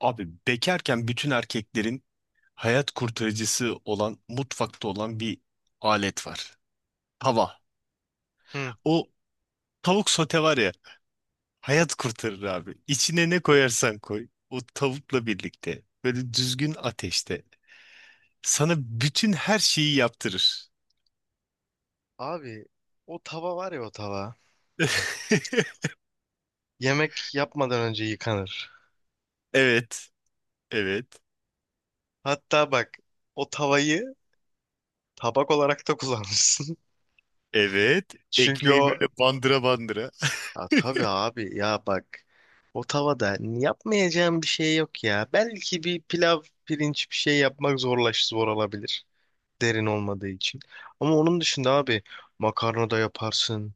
Abi bekarken bütün erkeklerin hayat kurtarıcısı olan mutfakta olan bir alet var. Tava. Hı. O tavuk sote var ya hayat kurtarır abi. İçine ne koyarsan koy o tavukla birlikte böyle düzgün ateşte sana bütün her şeyi yaptırır. Abi o tava var ya o tava. Yemek yapmadan önce yıkanır. Evet, evet, Hatta bak o tavayı tabak olarak da kullanmışsın. evet. Çünkü Ekmeği o... böyle bandıra bandıra. Ya tabii abi ya bak. O tavada yapmayacağım bir şey yok ya. Belki bir pilav, pirinç bir şey yapmak zor olabilir. Derin olmadığı için. Ama onun dışında abi makarna da yaparsın.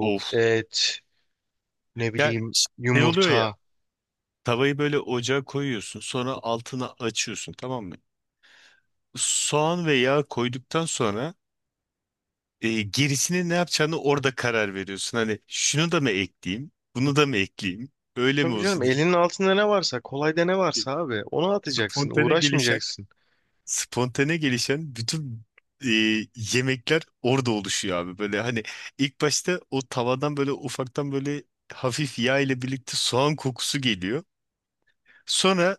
Of. et, ne Ya bileyim şey oluyor ya. yumurta. Tavayı böyle ocağa koyuyorsun, sonra altına açıyorsun, tamam mı? Soğan ve yağ koyduktan sonra gerisini ne yapacağını orada karar veriyorsun. Hani şunu da mı ekleyeyim, bunu da mı ekleyeyim, böyle mi Tabii canım olsun? Elinin altında ne varsa kolayda ne varsa abi onu atacaksın Spontane gelişen, uğraşmayacaksın. spontane gelişen bütün e, yemekler orada oluşuyor abi. Böyle hani ilk başta o tavadan böyle ufaktan böyle hafif yağ ile birlikte soğan kokusu geliyor. Sonra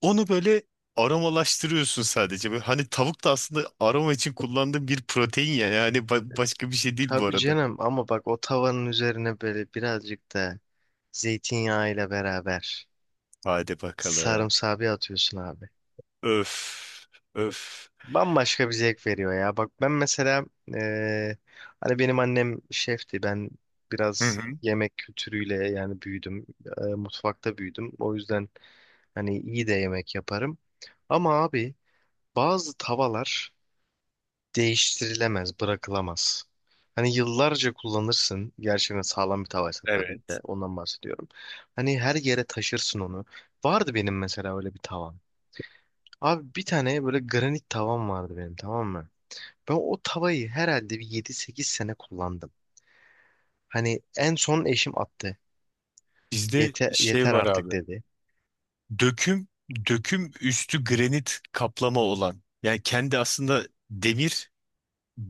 onu böyle aromalaştırıyorsun sadece. Böyle hani tavuk da aslında aroma için kullandığım bir protein ya. Yani başka bir şey değil bu Tabii arada. canım ama bak o tavanın üzerine böyle birazcık da zeytinyağıyla beraber Hadi bakalım. sarımsağı bir atıyorsun abi. Öf. Öf. Bambaşka bir zevk veriyor ya. Bak ben mesela hani benim annem şefti, ben Hı biraz hı. yemek kültürüyle yani büyüdüm. Mutfakta büyüdüm. O yüzden hani iyi de yemek yaparım. Ama abi bazı tavalar değiştirilemez, bırakılamaz. Hani yıllarca kullanırsın. Gerçekten sağlam bir tavaysa tabii ki Evet. de ondan bahsediyorum. Hani her yere taşırsın onu. Vardı benim mesela öyle bir tavam. Abi bir tane böyle granit tavam vardı benim, tamam mı? Ben o tavayı herhalde bir yedi sekiz sene kullandım. Hani en son eşim attı. Bizde Yeter, şey yeter var artık abi. dedi. Döküm, döküm üstü granit kaplama olan. Yani kendi aslında demir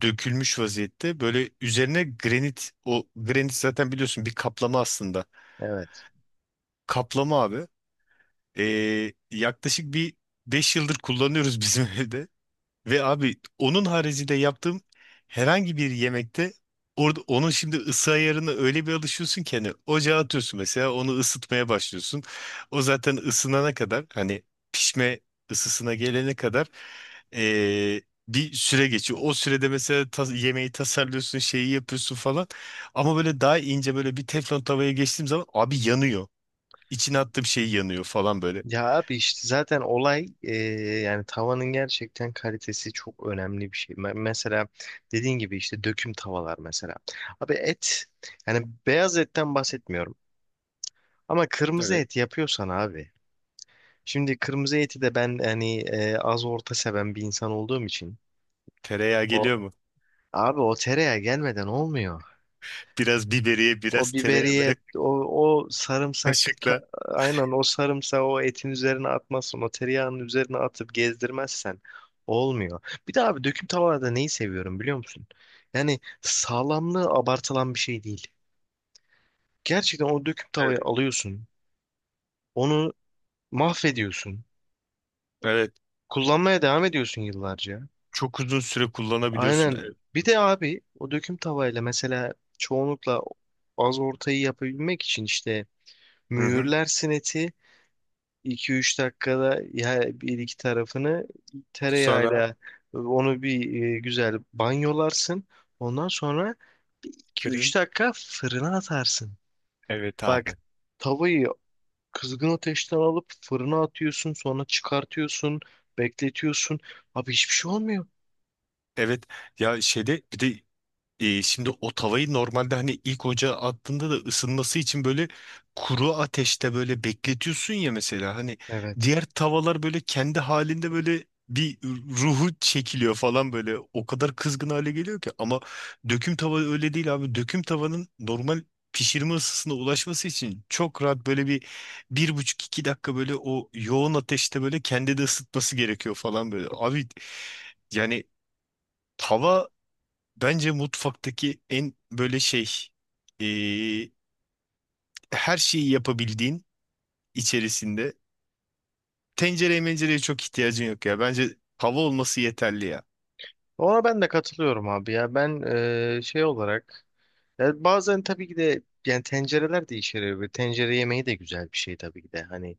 dökülmüş vaziyette. Böyle üzerine granit, o granit zaten biliyorsun bir kaplama aslında. Evet. Kaplama abi. Yaklaşık bir 5 yıldır kullanıyoruz bizim evde. Ve abi onun haricinde yaptığım herhangi bir yemekte orada onun şimdi ısı ayarına öyle bir alışıyorsun ki hani ocağa atıyorsun mesela onu ısıtmaya başlıyorsun. O zaten ısınana kadar hani pişme ısısına gelene kadar ee, bir süre geçiyor. O sürede mesela yemeği tasarlıyorsun, şeyi yapıyorsun falan. Ama böyle daha ince böyle bir teflon tavaya geçtiğim zaman abi yanıyor. İçine attığım şey yanıyor falan böyle. Ya abi işte zaten olay yani tavanın gerçekten kalitesi çok önemli bir şey. Mesela dediğin gibi işte döküm tavalar mesela. Abi et, yani beyaz etten bahsetmiyorum ama kırmızı Evet. et yapıyorsan abi. Şimdi kırmızı eti de ben hani az orta seven bir insan olduğum için Tereyağı o geliyor mu? abi o tereyağı gelmeden olmuyor. Biraz biberiye, O biraz tereyağı biberiye, böyle o sarımsak, kaşıkla. aynen o sarımsağı o etin üzerine atmazsan, o tereyağının üzerine atıp gezdirmezsen olmuyor. Bir de abi döküm tavada neyi seviyorum biliyor musun? Yani sağlamlığı abartılan bir şey değil. Gerçekten o döküm tavayı Evet. alıyorsun, onu mahvediyorsun, Evet. kullanmaya devam ediyorsun yıllarca. Çok uzun süre kullanabiliyorsun. Aynen. Evet. Bir de abi o döküm tavayla mesela çoğunlukla az ortayı yapabilmek için işte Hı hı. mühürlersin eti, iki üç dakikada bir iki tarafını Sonra tereyağıyla onu bir güzel banyolarsın. Ondan sonra iki üç fırın. dakika fırına atarsın. Evet Bak abi. tavayı kızgın ateşten alıp fırına atıyorsun, sonra çıkartıyorsun, bekletiyorsun. Abi hiçbir şey olmuyor. Evet. Ya şeyde bir de şimdi o tavayı normalde hani ilk ocağa attığında da ısınması için böyle kuru ateşte böyle bekletiyorsun ya mesela hani Evet. diğer tavalar böyle kendi halinde böyle bir ruhu çekiliyor falan böyle o kadar kızgın hale geliyor ki ama döküm tava öyle değil abi döküm tavanın normal pişirme ısısına ulaşması için çok rahat böyle bir 1,5 2 dakika böyle o yoğun ateşte böyle kendi de ısıtması gerekiyor falan böyle abi yani tava. Bence mutfaktaki en böyle şey eee, her şeyi yapabildiğin içerisinde tencereye mencereye çok ihtiyacın yok ya. Bence tava olması yeterli ya. Ona ben de katılıyorum abi ya. Ben şey olarak, ya bazen tabii ki de yani tencereler değişir. Ve tencere yemeği de güzel bir şey tabii ki de. Hani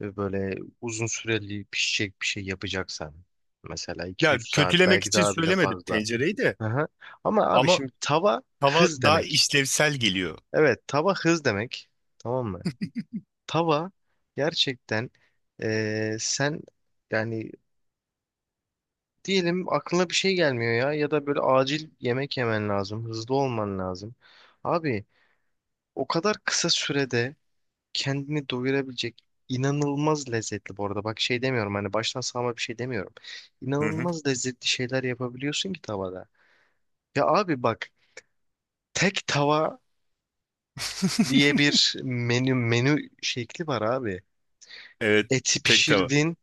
ve böyle uzun süreli pişecek bir şey yapacaksan mesela iki Ya üç saat, kötülemek belki için daha bile söylemedim fazla. tencereyi de Aha. Ama abi ama şimdi tava tava hız daha demek. işlevsel geliyor. Evet tava hız demek. Tamam mı? Tava gerçekten sen yani diyelim aklına bir şey gelmiyor ya, ya da böyle acil yemek yemen lazım. Hızlı olman lazım. Abi o kadar kısa sürede kendini doyurabilecek, inanılmaz lezzetli bu arada. Bak şey demiyorum, hani baştan sağma bir şey demiyorum. Hı hı. İnanılmaz lezzetli şeyler yapabiliyorsun ki tavada. Ya abi bak tek tava diye bir menü şekli var abi. Evet Eti tek tava. pişirdin,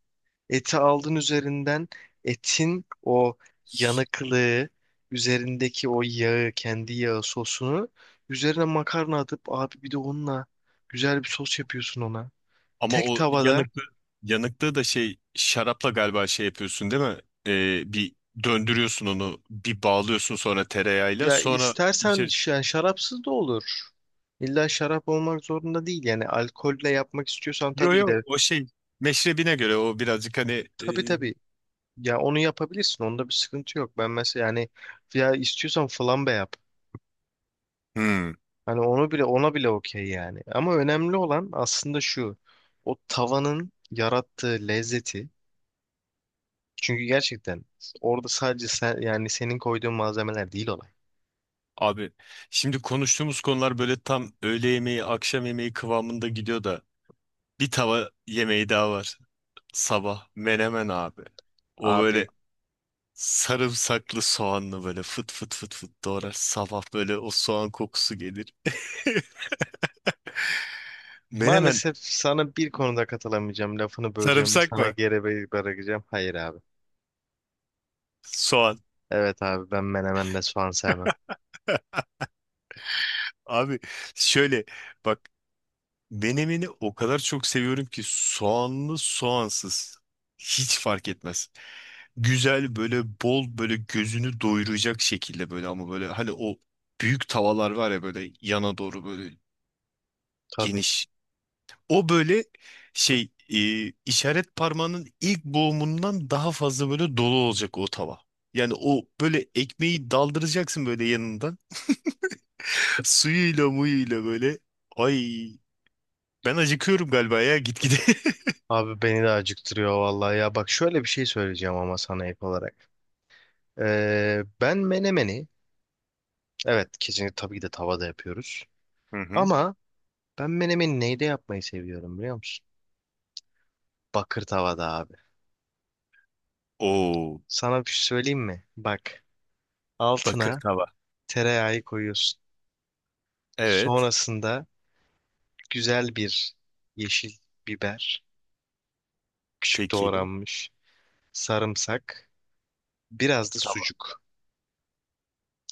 eti aldın üzerinden, etin o yanıklığı, üzerindeki o yağı, kendi yağı sosunu, üzerine makarna atıp abi bir de onunla güzel bir sos yapıyorsun ona. Ama Tek o tavada. yanıklığı da şey şarapla galiba şey yapıyorsun değil mi? Bir döndürüyorsun onu bir bağlıyorsun sonra tereyağıyla Ya sonra istersen içer. Yani şarapsız da olur. İlla şarap olmak zorunda değil. Yani alkolle yapmak istiyorsan Yo tabii ki yo, de, o şey meşrebine göre o birazcık hani e, tabii tabii. Ya onu yapabilirsin. Onda bir sıkıntı yok. Ben mesela yani, ya istiyorsan flambe yap. hmm, Hani onu bile ona bile okey yani. Ama önemli olan aslında şu. O tavanın yarattığı lezzeti. Çünkü gerçekten orada sadece sen, yani senin koyduğun malzemeler değil olay. abi şimdi konuştuğumuz konular böyle tam öğle yemeği akşam yemeği kıvamında gidiyor da bir tava yemeği daha var sabah menemen abi o böyle Abi. sarımsaklı soğanlı böyle fıt fıt fıt fıt doğrar sabah böyle o soğan kokusu gelir menemen Maalesef sana bir konuda katılamayacağım. Lafını böleceğim ve sarımsak sana mı geri bırakacağım. Hayır abi. soğan? Evet abi, ben menemenle soğan sevmem. Abi şöyle bak. Menemeni o kadar çok seviyorum ki soğanlı soğansız hiç fark etmez. Güzel böyle bol böyle gözünü doyuracak şekilde böyle ama böyle hani o büyük tavalar var ya böyle yana doğru böyle Tabii. geniş. O böyle şey işaret parmağının ilk boğumundan daha fazla böyle dolu olacak o tava. Yani o böyle ekmeği daldıracaksın böyle yanından suyuyla muyuyla böyle. Ay ben acıkıyorum galiba ya gitgide. Abi beni de acıktırıyor vallahi ya. Bak şöyle bir şey söyleyeceğim ama sana ek olarak. Ben menemeni evet kesinlikle tabii ki de tavada yapıyoruz. Hı hı. Ama ben menemeni neyde yapmayı seviyorum biliyor musun? Bakır tavada abi. Oo, Sana bir şey söyleyeyim mi? Bak bakır altına tava. tereyağı koyuyorsun. Evet. Sonrasında güzel bir yeşil biber, küçük Peki. doğranmış sarımsak, biraz da Tava. sucuk.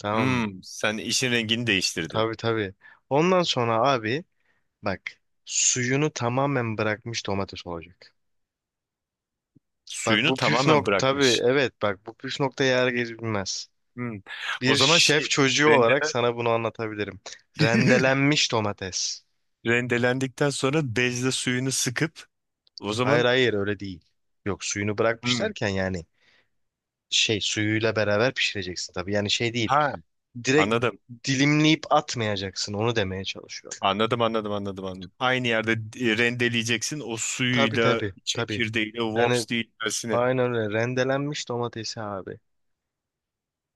Tamam mı? Hmm, sen işin rengini değiştirdin. Tabii tabii. Ondan sonra abi bak, suyunu tamamen bırakmış domates olacak. Bak Suyunu bu püf tamamen nokta, tabii bırakmış. evet, bak bu püf nokta yer geçilmez. Hmm. O Bir zaman şey şef çocuğu olarak rendelen sana bunu anlatabilirim. Rendelenmiş domates. rendelendikten sonra bezle suyunu sıkıp o Hayır zaman hayır öyle değil. Yok, suyunu bırakmış hmm. derken yani şey, suyuyla beraber pişireceksin tabii. Yani şey değil. Ha, Direkt anladım. dilimleyip atmayacaksın onu demeye çalışıyorum. Anladım, anladım, anladım, anladım. Aynı yerde rendeleyeceksin o Tabii suyuyla, tabii tabii. çekirdeğiyle, Yani wops değil öylesine. aynen öyle rendelenmiş domatesi abi.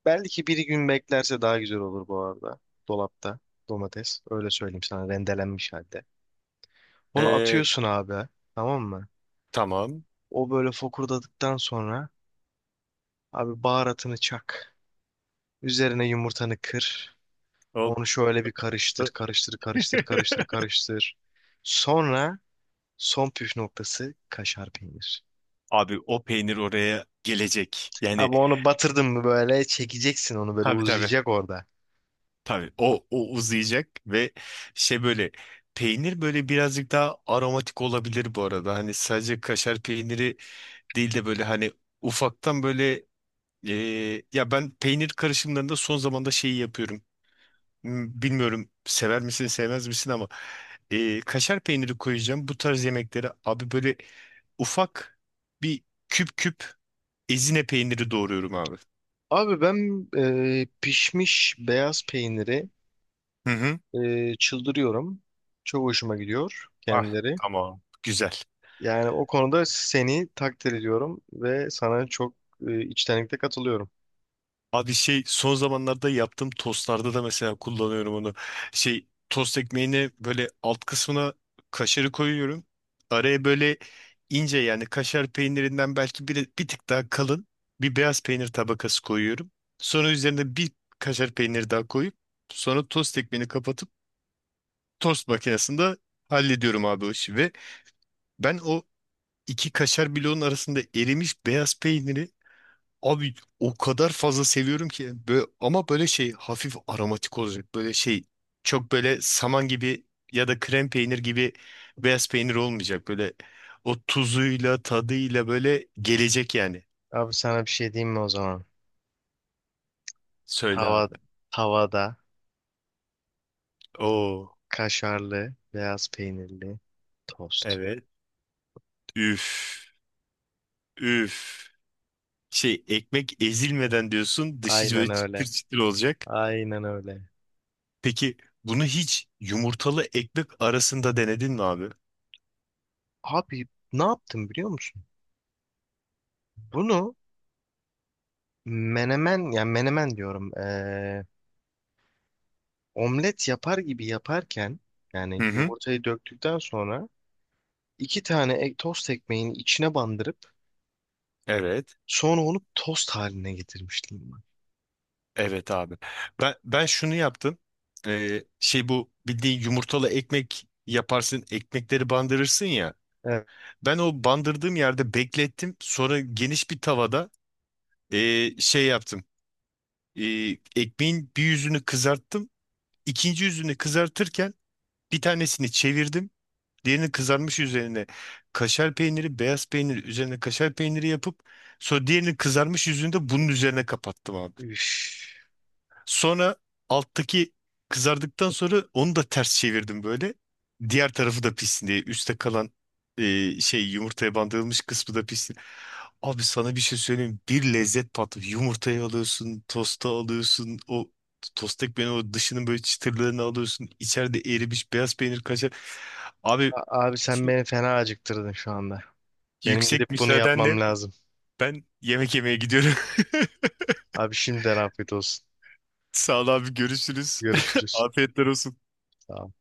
Belki bir gün beklerse daha güzel olur bu arada. Dolapta domates, öyle söyleyeyim sana, rendelenmiş halde. Onu Ee, atıyorsun abi, tamam mı? tamam. O böyle fokurdadıktan sonra abi baharatını çak. Üzerine yumurtanı kır. Hop. Onu şöyle bir karıştır karıştır karıştır karıştır karıştır. Sonra son püf noktası kaşar peynir. Abi o peynir oraya gelecek. Yani Abi onu batırdın mı böyle çekeceksin onu, böyle tabii tabii. uzayacak orada. Tabii o uzayacak ve şey böyle peynir böyle birazcık daha aromatik olabilir bu arada. Hani sadece kaşar peyniri değil de böyle hani ufaktan böyle e, ya ben peynir karışımlarında son zamanda şeyi yapıyorum. Bilmiyorum sever misin sevmez misin ama kaşar peyniri koyacağım bu tarz yemeklere abi böyle ufak bir küp küp ezine peyniri doğruyorum abi. Abi ben pişmiş beyaz peyniri Hı hı. Çıldırıyorum. Çok hoşuma gidiyor Ah kendileri. tamam. Güzel. Yani o konuda seni takdir ediyorum ve sana çok içtenlikle katılıyorum. Abi şey son zamanlarda yaptığım tostlarda da mesela kullanıyorum onu. Şey tost ekmeğine böyle alt kısmına kaşarı koyuyorum. Araya böyle ince yani kaşar peynirinden belki bir tık daha kalın bir beyaz peynir tabakası koyuyorum. Sonra üzerine bir kaşar peyniri daha koyup sonra tost ekmeğini kapatıp tost makinesinde hallediyorum abi o işi. Ve ben o iki kaşar bloğun arasında erimiş beyaz peyniri. Abi o kadar fazla seviyorum ki böyle, ama böyle şey hafif aromatik olacak böyle şey çok böyle saman gibi ya da krem peynir gibi beyaz peynir olmayacak böyle o tuzuyla tadıyla böyle gelecek yani. Abi sana bir şey diyeyim mi o zaman? Söyle Tava, abi. tavada Oo, kaşarlı beyaz peynirli tost. evet. Üf. Üf. Şey ekmek ezilmeden diyorsun, dışı Aynen böyle çıtır öyle. çıtır olacak. Aynen öyle. Peki bunu hiç yumurtalı ekmek arasında denedin mi abi? Abi ne yaptım biliyor musun? Bunu menemen, yani menemen diyorum. Omlet yapar gibi yaparken, Hı yani hı. yumurtayı döktükten sonra iki tane tost ekmeğini içine bandırıp Evet. sonra onu tost haline getirmişliğim var. Evet abi. Ben şunu yaptım. Şey bu bildiğin yumurtalı ekmek yaparsın, ekmekleri bandırırsın ya. Ben o bandırdığım yerde beklettim. Sonra geniş bir tavada şey yaptım. Ee, Ekmeğin bir yüzünü kızarttım. İkinci yüzünü kızartırken bir tanesini çevirdim. Diğerini kızarmış üzerine kaşar peyniri, beyaz peynir üzerine kaşar peyniri yapıp sonra diğerini kızarmış yüzünü de bunun üzerine kapattım abi. Üf. Sonra alttaki kızardıktan sonra onu da ters çevirdim böyle. Diğer tarafı da pişsin diye. Üste kalan şey yumurtaya bandırılmış kısmı da pişsin. Abi sana bir şey söyleyeyim. Bir lezzet patlıyor. Yumurtayı alıyorsun, tosta alıyorsun. O tost ekmeğin o dışının böyle çıtırlarını alıyorsun. İçeride erimiş beyaz peynir kaşar. Abi Abi sen beni fena acıktırdın şu anda. Benim gidip yüksek bunu müsaadenle yapmam lazım. ben yemek yemeye gidiyorum. Abi şimdiden afiyet olsun. Sağ ol abi, görüşürüz. Görüşürüz. Afiyetler olsun. Sağ ol.